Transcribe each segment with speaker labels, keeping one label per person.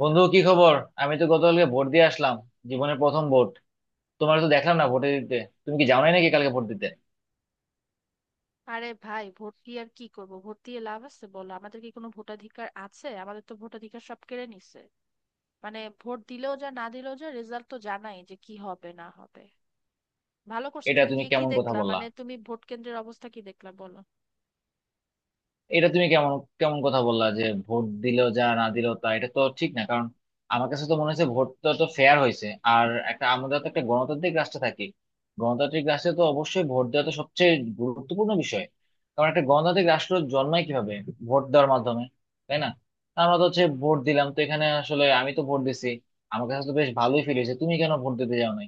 Speaker 1: বন্ধু, কি খবর? আমি তো গতকালকে ভোট দিয়ে আসলাম। জীবনের প্রথম ভোট। তোমার তো দেখলাম না ভোটে দিতে। তুমি কি যাও নাই নাকি কালকে ভোট দিতে?
Speaker 2: আরে ভাই, ভোট দিয়ে আর কি করব? ভোট দিয়ে লাভ আছে বলো? আমাদের কি কোনো ভোটাধিকার আছে? আমাদের তো ভোটাধিকার সব কেড়ে নিছে। মানে ভোট দিলেও যা না দিলেও যা, রেজাল্ট তো জানাই যে কি হবে না হবে। ভালো করছো।
Speaker 1: এটা
Speaker 2: তুমি
Speaker 1: তুমি
Speaker 2: গিয়ে কি
Speaker 1: কেমন কথা
Speaker 2: দেখলা?
Speaker 1: বললা?
Speaker 2: মানে তুমি ভোট কেন্দ্রের অবস্থা কি দেখলা, বলো।
Speaker 1: এটা তুমি কেমন কেমন কথা বললা যে ভোট দিলেও যা না দিলেও তা, এটা তো ঠিক না। কারণ আমার কাছে তো মনে হচ্ছে ভোটটা তো ফেয়ার হয়েছে, আর একটা আমরা তো একটা গণতান্ত্রিক রাষ্ট্রে থাকি। গণতান্ত্রিক রাষ্ট্রে তো অবশ্যই ভোট দেওয়া তো সবচেয়ে গুরুত্বপূর্ণ বিষয়। কারণ একটা গণতান্ত্রিক রাষ্ট্র জন্মায় কিভাবে? ভোট দেওয়ার মাধ্যমে, তাই না? তা আমরা তো হচ্ছে ভোট দিলাম, তো এখানে আসলে আমি তো ভোট দিছি। আমার কাছে তো বেশ ভালোই ফিল হয়েছে। তুমি কেন ভোট দিতে যাও নাই?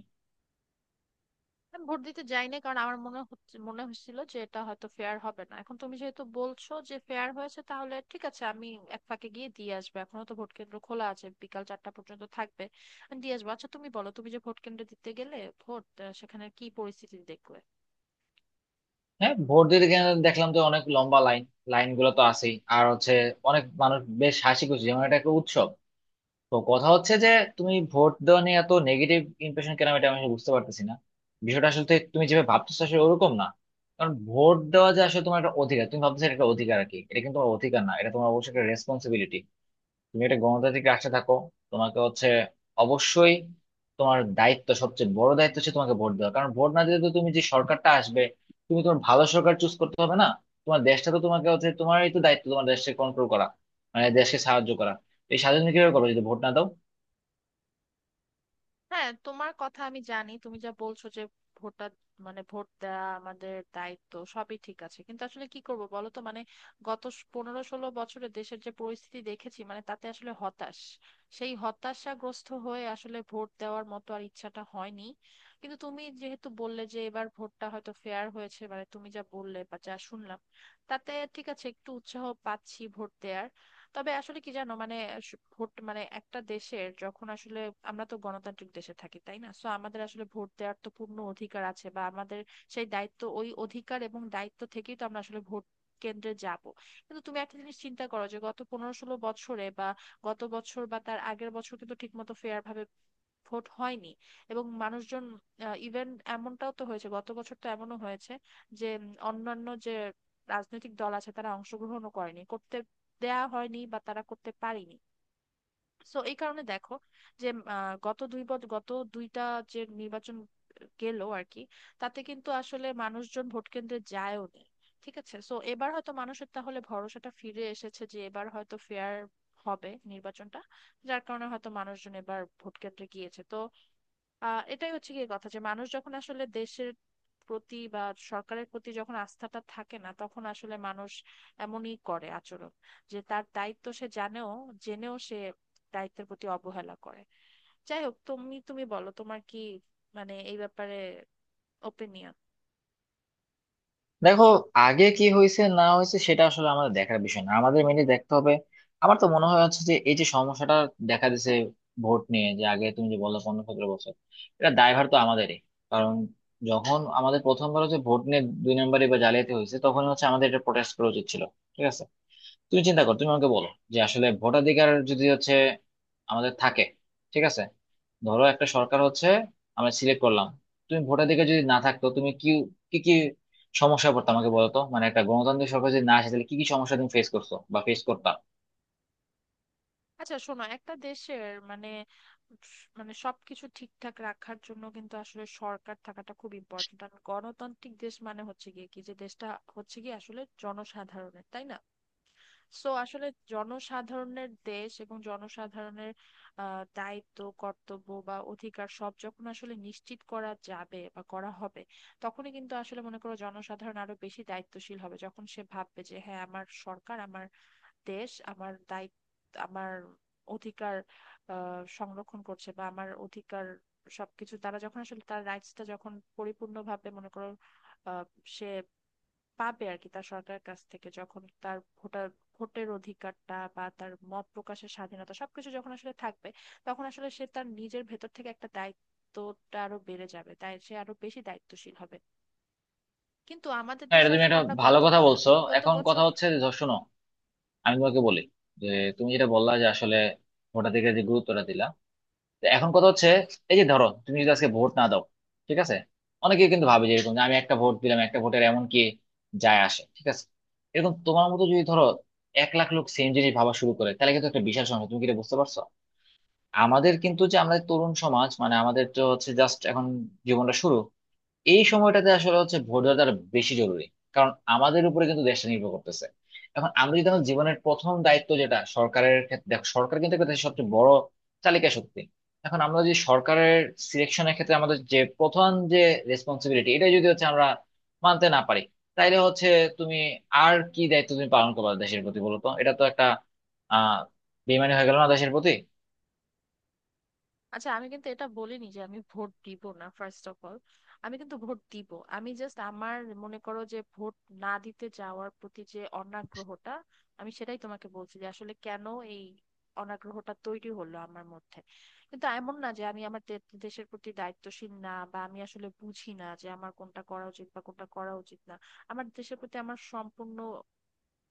Speaker 2: আমি ভোট দিতে যাই না কারণ আমার মনে হয়েছিল যে এটা হয়তো ফেয়ার হবে না। এখন তুমি যেহেতু বলছো যে ফেয়ার হয়েছে, তাহলে ঠিক আছে, আমি এক ফাঁকে গিয়ে দিয়ে আসবো। এখনো তো ভোট কেন্দ্র খোলা আছে, বিকাল 4টা পর্যন্ত থাকবে। আমি দিয়ে আসবো। আচ্ছা তুমি বলো, তুমি যে ভোট কেন্দ্রে দিতে গেলে ভোট, সেখানে কি পরিস্থিতি দেখলে?
Speaker 1: হ্যাঁ, ভোট দিতে গেলে দেখলাম তো অনেক লম্বা লাইন। লাইন গুলো তো আছেই, আর হচ্ছে অনেক মানুষ বেশ হাসি খুশি, যেমন এটা একটা উৎসব। তো কথা হচ্ছে যে তুমি ভোট দেওয়া নিয়ে এত নেগেটিভ ইমপ্রেশন কেন, এটা আমি আসলে বুঝতে পারতেছি না। বিষয়টা আসলে তো তুমি যেভাবে ভাবতেছো আসলে ওরকম না। কারণ ভোট দেওয়া যে আসলে তোমার একটা অধিকার, তুমি ভাবতেছো এটা একটা অধিকার আর কি, এটা কিন্তু তোমার অধিকার না, এটা তোমার অবশ্যই একটা রেসপন্সিবিলিটি। তুমি একটা গণতান্ত্রিক রাষ্ট্রে থাকো, তোমাকে হচ্ছে অবশ্যই তোমার দায়িত্ব, সবচেয়ে বড় দায়িত্ব হচ্ছে তোমাকে ভোট দেওয়া। কারণ ভোট না দিলে তো তুমি যে সরকারটা আসবে, তুমি তোমার ভালো সরকার চুজ করতে হবে না? তোমার দেশটা তো তোমাকে হচ্ছে, তোমারই তো দায়িত্ব তোমার দেশকে কন্ট্রোল করা, মানে দেশকে সাহায্য করা। এই স্বাধীন কিভাবে করবে যদি ভোট না দাও?
Speaker 2: হ্যাঁ, তোমার কথা আমি জানি, তুমি যা বলছো যে ভোটার মানে ভোট দেওয়া আমাদের দায়িত্ব, সবই ঠিক আছে। কিন্তু আসলে কি করব বলো তো, মানে গত 15-16 বছরে দেশের যে পরিস্থিতি দেখেছি, মানে তাতে আসলে হতাশ। সেই হতাশাগ্রস্ত হয়ে আসলে ভোট দেওয়ার মতো আর ইচ্ছাটা হয়নি। কিন্তু তুমি যেহেতু বললে যে এবার ভোটটা হয়তো ফেয়ার হয়েছে, মানে তুমি যা বললে বা যা শুনলাম, তাতে ঠিক আছে, একটু উৎসাহ পাচ্ছি ভোট দেওয়ার। তবে আসলে কি জানো, মানে ভোট মানে একটা দেশের যখন আসলে, আমরা তো গণতান্ত্রিক দেশে থাকি, তাই না? সো আমাদের আসলে ভোট দেওয়ার তো পূর্ণ অধিকার আছে, বা আমাদের সেই দায়িত্ব। ওই অধিকার এবং দায়িত্ব থেকেই তো আমরা আসলে ভোট কেন্দ্রে যাব। কিন্তু তুমি একটা জিনিস চিন্তা করো, যে গত 15-16 বছরে বা গত বছর বা তার আগের বছর কিন্তু ঠিকমতো ফেয়ার ভাবে ভোট হয়নি। এবং মানুষজন, ইভেন এমনটাও তো হয়েছে গত বছর, তো এমনও হয়েছে যে অন্যান্য যে রাজনৈতিক দল আছে তারা অংশগ্রহণও করেনি, করতে দেয়া হয়নি বা তারা করতে পারেনি। সো এই কারণে দেখো যে গত 2 বছর, গত 2টা যে নির্বাচন গেল আর কি, তাতে কিন্তু আসলে মানুষজন ভোট কেন্দ্রে যায়ও না। ঠিক আছে, সো এবার হয়তো মানুষের তাহলে ভরসাটা ফিরে এসেছে যে এবার হয়তো ফেয়ার হবে নির্বাচনটা, যার কারণে হয়তো মানুষজন এবার ভোট কেন্দ্রে গিয়েছে। তো এটাই হচ্ছে কি কথা, যে মানুষ যখন আসলে দেশের প্রতি বা সরকারের প্রতি যখন আস্থাটা থাকে না, তখন আসলে মানুষ এমনই করে আচরণ, যে তার দায়িত্ব সে জানেও, জেনেও সে দায়িত্বের প্রতি অবহেলা করে। যাই হোক, তুমি তুমি বলো তোমার কি মানে এই ব্যাপারে ওপিনিয়ন।
Speaker 1: দেখো, আগে কি হয়েছে না হয়েছে সেটা আসলে আমাদের দেখার বিষয় না, আমাদের মেনে দেখতে হবে। আমার তো মনে হয় হচ্ছে যে এই যে সমস্যাটা দেখা দিছে ভোট নিয়ে, যে আগে তুমি যে বললে 15-17 বছর, এটা দায়ভার তো আমাদেরই। কারণ যখন আমাদের প্রথমবার হচ্ছে ভোট নিয়ে দুই নম্বরে বা জালিয়াতি হয়েছে তখন হচ্ছে আমাদের এটা প্রোটেস্ট করা উচিত ছিল। ঠিক আছে, তুমি চিন্তা কর, তুমি আমাকে বলো যে আসলে ভোটাধিকার যদি হচ্ছে আমাদের থাকে, ঠিক আছে, ধরো একটা সরকার হচ্ছে আমরা সিলেক্ট করলাম, তুমি ভোটাধিকার যদি না থাকতো তুমি কি কি কি সমস্যা পড়তো আমাকে বলো তো। মানে একটা গণতান্ত্রিক সরকার যদি না আসে তাহলে কি কি সমস্যা তুমি ফেস করছো বা ফেস করতা?
Speaker 2: আচ্ছা শোনো, একটা দেশের মানে, সবকিছু ঠিকঠাক রাখার জন্য কিন্তু আসলে সরকার থাকাটা খুব ইম্পর্ট্যান্ট। আর গণতান্ত্রিক দেশ মানে হচ্ছে গিয়ে কি, যে দেশটা হচ্ছে কি আসলে জনসাধারণের, তাই না? সো আসলে জনসাধারণের দেশ এবং জনসাধারণের দায়িত্ব কর্তব্য বা অধিকার সব যখন আসলে নিশ্চিত করা যাবে বা করা হবে, তখনই কিন্তু আসলে মনে করো জনসাধারণ আরো বেশি দায়িত্বশীল হবে। যখন সে ভাববে যে হ্যাঁ, আমার সরকার, আমার দেশ, আমার দায়িত্ব, আমার অধিকার সংরক্ষণ করছে, বা আমার অধিকার সবকিছু তারা যখন আসলে, তার রাইটসটা যখন পরিপূর্ণভাবে মনে করো আহ সে পাবে আর কি তার সরকারের কাছ থেকে, যখন তার ভোটার ভোটের অধিকারটা বা তার মত প্রকাশের স্বাধীনতা সবকিছু যখন আসলে থাকবে, তখন আসলে সে তার নিজের ভেতর থেকে একটা, দায়িত্বটা আরো বেড়ে যাবে, তাই সে আরো বেশি দায়িত্বশীল হবে। কিন্তু আমাদের
Speaker 1: হ্যাঁ,
Speaker 2: দেশে
Speaker 1: এটা তুমি
Speaker 2: আসলে
Speaker 1: একটা
Speaker 2: আমরা
Speaker 1: ভালো কথা বলছো।
Speaker 2: বিগত
Speaker 1: এখন
Speaker 2: বছর।
Speaker 1: কথা হচ্ছে যে ধর, শোনো, আমি তোমাকে বলি যে তুমি যেটা বললা যে আসলে ভোটাধিকার যে গুরুত্বটা দিলা। তো এখন কথা হচ্ছে, এই যে ধরো তুমি যদি আজকে ভোট না দাও, ঠিক আছে, অনেকে কিন্তু ভাবে যে এরকম যে আমি একটা ভোট দিলাম, একটা ভোটের এমন কি যায় আসে, ঠিক আছে, এরকম তোমার মতো যদি ধরো 1 লাখ লোক সেম জিনিস ভাবা শুরু করে তাহলে কিন্তু একটা বিশাল সমস্যা। তুমি কি এটা বুঝতে পারছো? আমাদের কিন্তু, যে আমরা তরুণ সমাজ, মানে আমাদের তো হচ্ছে জাস্ট এখন জীবনটা শুরু। এই সময়টাতে আসলে হচ্ছে ভোট দেওয়াটা আরো বেশি জরুরি। কারণ আমাদের উপরে কিন্তু দেশটা নির্ভর করতেছে। এখন আমরা যদি আমাদের জীবনের প্রথম দায়িত্ব যেটা সরকারের ক্ষেত্রে, দেখো সরকার কিন্তু একটা দেশের সবচেয়ে বড় চালিকা শক্তি। এখন আমরা যদি সরকারের সিলেকশনের ক্ষেত্রে আমাদের যে প্রথম যে রেসপন্সিবিলিটি, এটা যদি হচ্ছে আমরা মানতে না পারি তাইলে হচ্ছে তুমি আর কি দায়িত্ব তুমি পালন করবে দেশের প্রতি বলো তো, এটা তো একটা আহ বেইমানি হয়ে গেল না দেশের প্রতি?
Speaker 2: আচ্ছা আমি কিন্তু এটা বলিনি যে আমি ভোট দিব না। ফার্স্ট অফ অল, আমি কিন্তু ভোট দিব। আমি জাস্ট আমার মনে করো যে ভোট না দিতে যাওয়ার প্রতি যে অনাগ্রহটা, আমি সেটাই তোমাকে বলছি যে আসলে কেন এই অনাগ্রহটা তৈরি হলো আমার মধ্যে। কিন্তু এমন না যে আমি আমার দেশের প্রতি দায়িত্বশীল না, বা আমি আসলে বুঝি না যে আমার কোনটা করা উচিত বা কোনটা করা উচিত না। আমার দেশের প্রতি আমার সম্পূর্ণ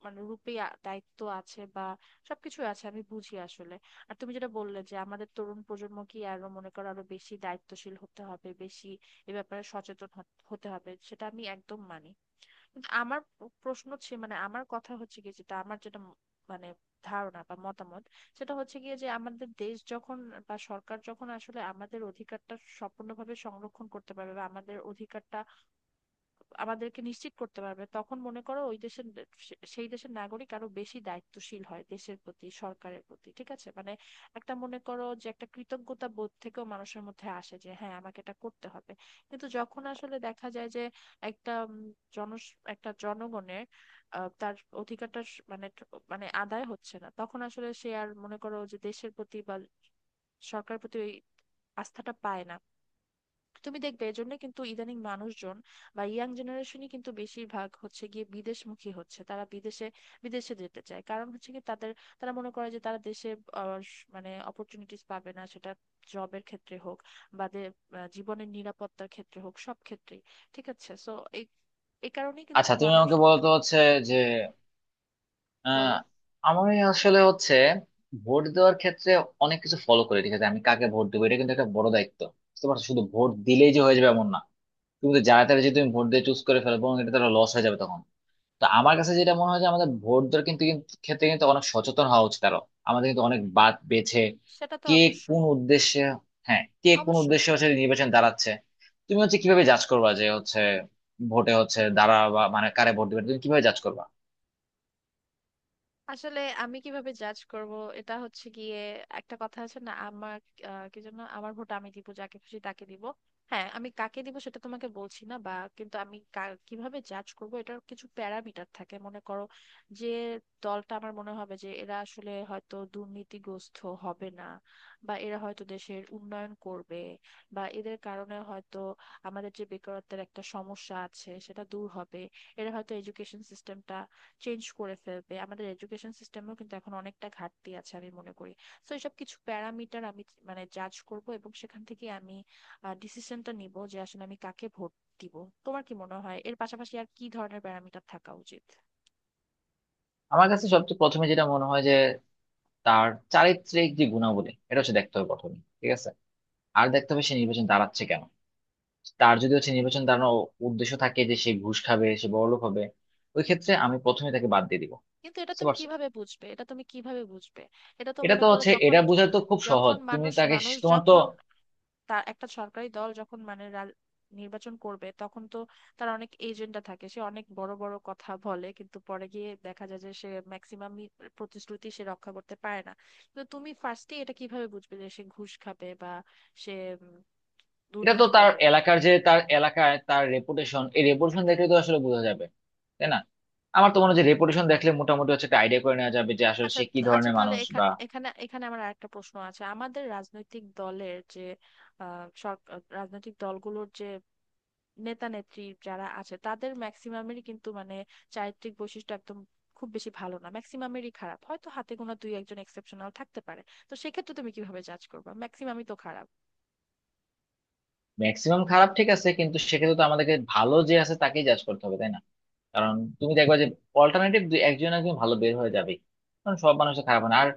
Speaker 2: মানে রূপে দায়িত্ব আছে বা সবকিছু আছে, আমি বুঝি আসলে। আর তুমি যেটা বললে যে আমাদের তরুণ প্রজন্মকে আরো মনে করো আরো বেশি দায়িত্বশীল হতে হবে, বেশি এ ব্যাপারে সচেতন হতে হবে, সেটা আমি একদম মানি। কিন্তু আমার প্রশ্ন হচ্ছে, মানে আমার কথা হচ্ছে কি, যেটা আমার যেটা মানে ধারণা বা মতামত, সেটা হচ্ছে গিয়ে, যে আমাদের দেশ যখন বা সরকার যখন আসলে আমাদের অধিকারটা সম্পূর্ণভাবে সংরক্ষণ করতে পারবে বা আমাদের অধিকারটা আমাদেরকে নিশ্চিত করতে পারবে, তখন মনে করো ওই দেশের সেই দেশের নাগরিক আরো বেশি দায়িত্বশীল হয় দেশের প্রতি, সরকারের প্রতি। ঠিক আছে, মানে একটা মনে করো যে একটা কৃতজ্ঞতা বোধ থেকেও মানুষের মধ্যে আসে যে হ্যাঁ, আমাকে এটা করতে হবে। কিন্তু যখন আসলে দেখা যায় যে একটা জন একটা জনগণের তার অধিকারটা মানে মানে আদায় হচ্ছে না, তখন আসলে সে আর মনে করো যে দেশের প্রতি বা সরকারের প্রতি ওই আস্থাটা পায় না। তুমি দেখবে এর জন্য কিন্তু ইদানিং মানুষজন বা ইয়াং জেনারেশনই কিন্তু বেশিরভাগ হচ্ছে গিয়ে বিদেশমুখী হচ্ছে, তারা বিদেশে বিদেশে যেতে চায়। কারণ হচ্ছে কি, তাদের তারা মনে করে যে তারা দেশে মানে অপরচুনিটিস পাবে না, সেটা জবের ক্ষেত্রে হোক বা জীবনের নিরাপত্তার ক্ষেত্রে হোক, সব ক্ষেত্রেই। ঠিক আছে, সো এই এই কারণেই কিন্তু
Speaker 1: আচ্ছা তুমি
Speaker 2: মানুষ।
Speaker 1: আমাকে বলো তো হচ্ছে যে আহ
Speaker 2: বলো।
Speaker 1: আমার আসলে হচ্ছে ভোট দেওয়ার ক্ষেত্রে অনেক কিছু ফলো করে। ঠিক আছে, আমি কাকে ভোট দেবো এটা কিন্তু একটা বড় দায়িত্ব। বুঝতে পারছো, শুধু ভোট দিলেই যে হয়ে যাবে এমন না। তুমি তো যারা তারা যদি তুমি ভোট দিয়ে চুজ করে ফেলবো এটা তারা লস হয়ে যাবে তখন। তো আমার কাছে যেটা মনে হয় যে আমাদের ভোট দেওয়ার কিন্তু কিন্তু ক্ষেত্রে কিন্তু অনেক সচেতন হওয়া উচিত আরো। আমাদের কিন্তু অনেক বাদ বেছে,
Speaker 2: সেটা তো
Speaker 1: কে কোন
Speaker 2: অবশ্যই।
Speaker 1: উদ্দেশ্যে। হ্যাঁ, কে কোন
Speaker 2: অবশ্যই।
Speaker 1: উদ্দেশ্যে হচ্ছে নির্বাচন দাঁড়াচ্ছে। তুমি হচ্ছে কিভাবে জাজ করবা যে হচ্ছে ভোটে হচ্ছে দাঁড়া, বা মানে কারে ভোট দিবে তুমি কিভাবে জাজ করবা?
Speaker 2: আসলে আমি কিভাবে জাজ করব, এটা হচ্ছে গিয়ে, একটা কথা আছে না আমার কি যেন, আমার ভোট আমি দিব যাকে খুশি তাকে দিব। হ্যাঁ আমি কাকে দিব সেটা তোমাকে বলছি না, বা কিন্তু আমি কিভাবে জাজ করব, এটার কিছু প্যারামিটার থাকে মনে করো। যে দলটা আমার মনে হবে যে এরা আসলে হয়তো দুর্নীতিগ্রস্ত হবে না, বা এরা হয়তো দেশের উন্নয়ন করবে, বা এদের কারণে হয়তো আমাদের যে বেকারত্বের একটা সমস্যা আছে সেটা দূর হবে, এরা হয়তো এডুকেশন সিস্টেমটা চেঞ্জ করে ফেলবে। আমাদের এডুকেশন সিস্টেমেও কিন্তু এখন অনেকটা ঘাটতি আছে আমি মনে করি। তো এসব কিছু প্যারামিটার আমি মানে জাজ করব, এবং সেখান থেকে আমি ডিসিশনটা নিব যে আসলে আমি কাকে ভোট দিব। তোমার কি মনে হয় এর পাশাপাশি আর কি ধরনের প্যারামিটার থাকা উচিত?
Speaker 1: আমার কাছে সবচেয়ে প্রথমে যেটা মনে হয়, তার চারিত্রিক যে গুণাবলী, এটা হচ্ছে দেখতে হবে প্রথমে, ঠিক আছে। আর দেখতে হবে সে নির্বাচন দাঁড়াচ্ছে কেন। তার যদি হচ্ছে নির্বাচন দাঁড়ানোর উদ্দেশ্য থাকে যে সে ঘুষ খাবে, সে বড়লোক হবে, ওই ক্ষেত্রে আমি প্রথমে তাকে বাদ দিয়ে দিব।
Speaker 2: কিন্তু এটা
Speaker 1: বুঝতে
Speaker 2: তুমি
Speaker 1: পারছো,
Speaker 2: কিভাবে বুঝবে? এটা তুমি কিভাবে বুঝবে? এটা তো
Speaker 1: এটা
Speaker 2: মনে
Speaker 1: তো
Speaker 2: করো,
Speaker 1: হচ্ছে,
Speaker 2: যখন
Speaker 1: এটা বোঝা তো খুব
Speaker 2: যখন
Speaker 1: সহজ। তুমি
Speaker 2: মানুষ
Speaker 1: তাকে,
Speaker 2: মানুষ
Speaker 1: তোমার তো,
Speaker 2: যখন তার একটা সরকারি দল যখন মানে নির্বাচন করবে, তখন তো তার অনেক এজেন্ডা থাকে, সে অনেক বড় বড় কথা বলে, কিন্তু পরে গিয়ে দেখা যায় যে সে ম্যাক্সিমামই প্রতিশ্রুতি সে রক্ষা করতে পারে না। তো তুমি ফার্স্টে এটা কিভাবে বুঝবে যে সে ঘুষ খাবে বা সে উম,
Speaker 1: এটা তো
Speaker 2: দুর্নীতি
Speaker 1: তার
Speaker 2: করবে?
Speaker 1: এলাকার যে তার এলাকায় তার রেপুটেশন, এই রেপুটেশন দেখলে তো আসলে বোঝা যাবে, তাই না? আমার তো মনে হয় যে রেপুটেশন দেখলে মোটামুটি হচ্ছে একটা আইডিয়া করে নেওয়া যাবে যে আসলে
Speaker 2: আচ্ছা
Speaker 1: সে কি
Speaker 2: আচ্ছা
Speaker 1: ধরনের
Speaker 2: তাহলে
Speaker 1: মানুষ বা
Speaker 2: এখানে এখানে এখানে আমার আরেকটা প্রশ্ন আছে। আমাদের রাজনৈতিক দলের যে সরকার, রাজনৈতিক দলগুলোর যে নেতা নেত্রী যারা আছে, তাদের ম্যাক্সিমামেরই কিন্তু মানে চারিত্রিক বৈশিষ্ট্য একদম খুব বেশি ভালো না, ম্যাক্সিমামেরই খারাপ। হয়তো হাতে গোনা দুই একজন এক্সেপশনাল থাকতে পারে। তো সেক্ষেত্রে তুমি কিভাবে জাজ করবে? ম্যাক্সিমামই তো খারাপ।
Speaker 1: ম্যাক্সিমাম খারাপ। ঠিক আছে, কিন্তু সেক্ষেত্রে তো আমাদেরকে ভালো যে আছে তাকেই জাজ করতে হবে, তাই না? কারণ তুমি দেখবা যে অল্টারনেটিভ দুই একজন একজন ভালো বের হয়ে যাবে। কারণ সব মানুষের খারাপ হয় না। আর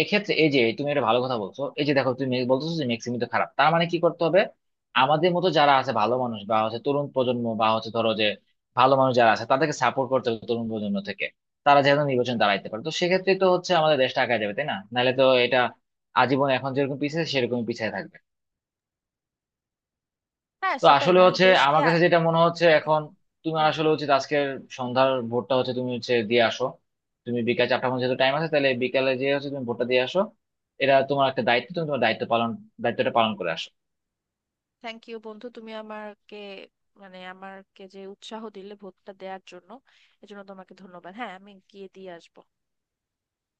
Speaker 1: এক্ষেত্রে এই যে তুমি একটা ভালো কথা বলছো, এই যে দেখো তুমি বলতেছো যে মেক্সিমি তো খারাপ, তার মানে কি করতে হবে? আমাদের মতো যারা আছে ভালো মানুষ, বা হচ্ছে তরুণ প্রজন্ম, বা হচ্ছে ধরো যে ভালো মানুষ যারা আছে তাদেরকে সাপোর্ট করতে হবে তরুণ প্রজন্ম থেকে। তারা যেন নির্বাচন দাঁড়াইতে পারে, তো সেক্ষেত্রে তো হচ্ছে আমাদের দেশটা আগায় যাবে, তাই না? নাহলে তো এটা আজীবন এখন যেরকম পিছিয়ে সেরকম পিছিয়ে থাকবে।
Speaker 2: হ্যাঁ
Speaker 1: তো
Speaker 2: সেটাই,
Speaker 1: আসলে
Speaker 2: মানে
Speaker 1: হচ্ছে
Speaker 2: দেশকে
Speaker 1: আমার কাছে যেটা মনে হচ্ছে
Speaker 2: আ-
Speaker 1: এখন, তুমি
Speaker 2: হুম।
Speaker 1: আসলে উচিত আজকের সন্ধ্যার ভোটটা হচ্ছে তুমি হচ্ছে দিয়ে আসো। তুমি বিকাল 4টার মধ্যে যেহেতু টাইম আছে, তাহলে বিকালে যে হচ্ছে তুমি ভোটটা দিয়ে আসো। এটা তোমার একটা দায়িত্ব, তুমি তোমার দায়িত্ব পালন, দায়িত্বটা পালন করে আসো।
Speaker 2: থ্যাংক ইউ বন্ধু, তুমি আমাকে মানে আমাকে যে উৎসাহ দিলে ভোটটা দেওয়ার জন্য, এজন্য তোমাকে ধন্যবাদ। হ্যাঁ আমি গিয়ে দিয়ে আসবো।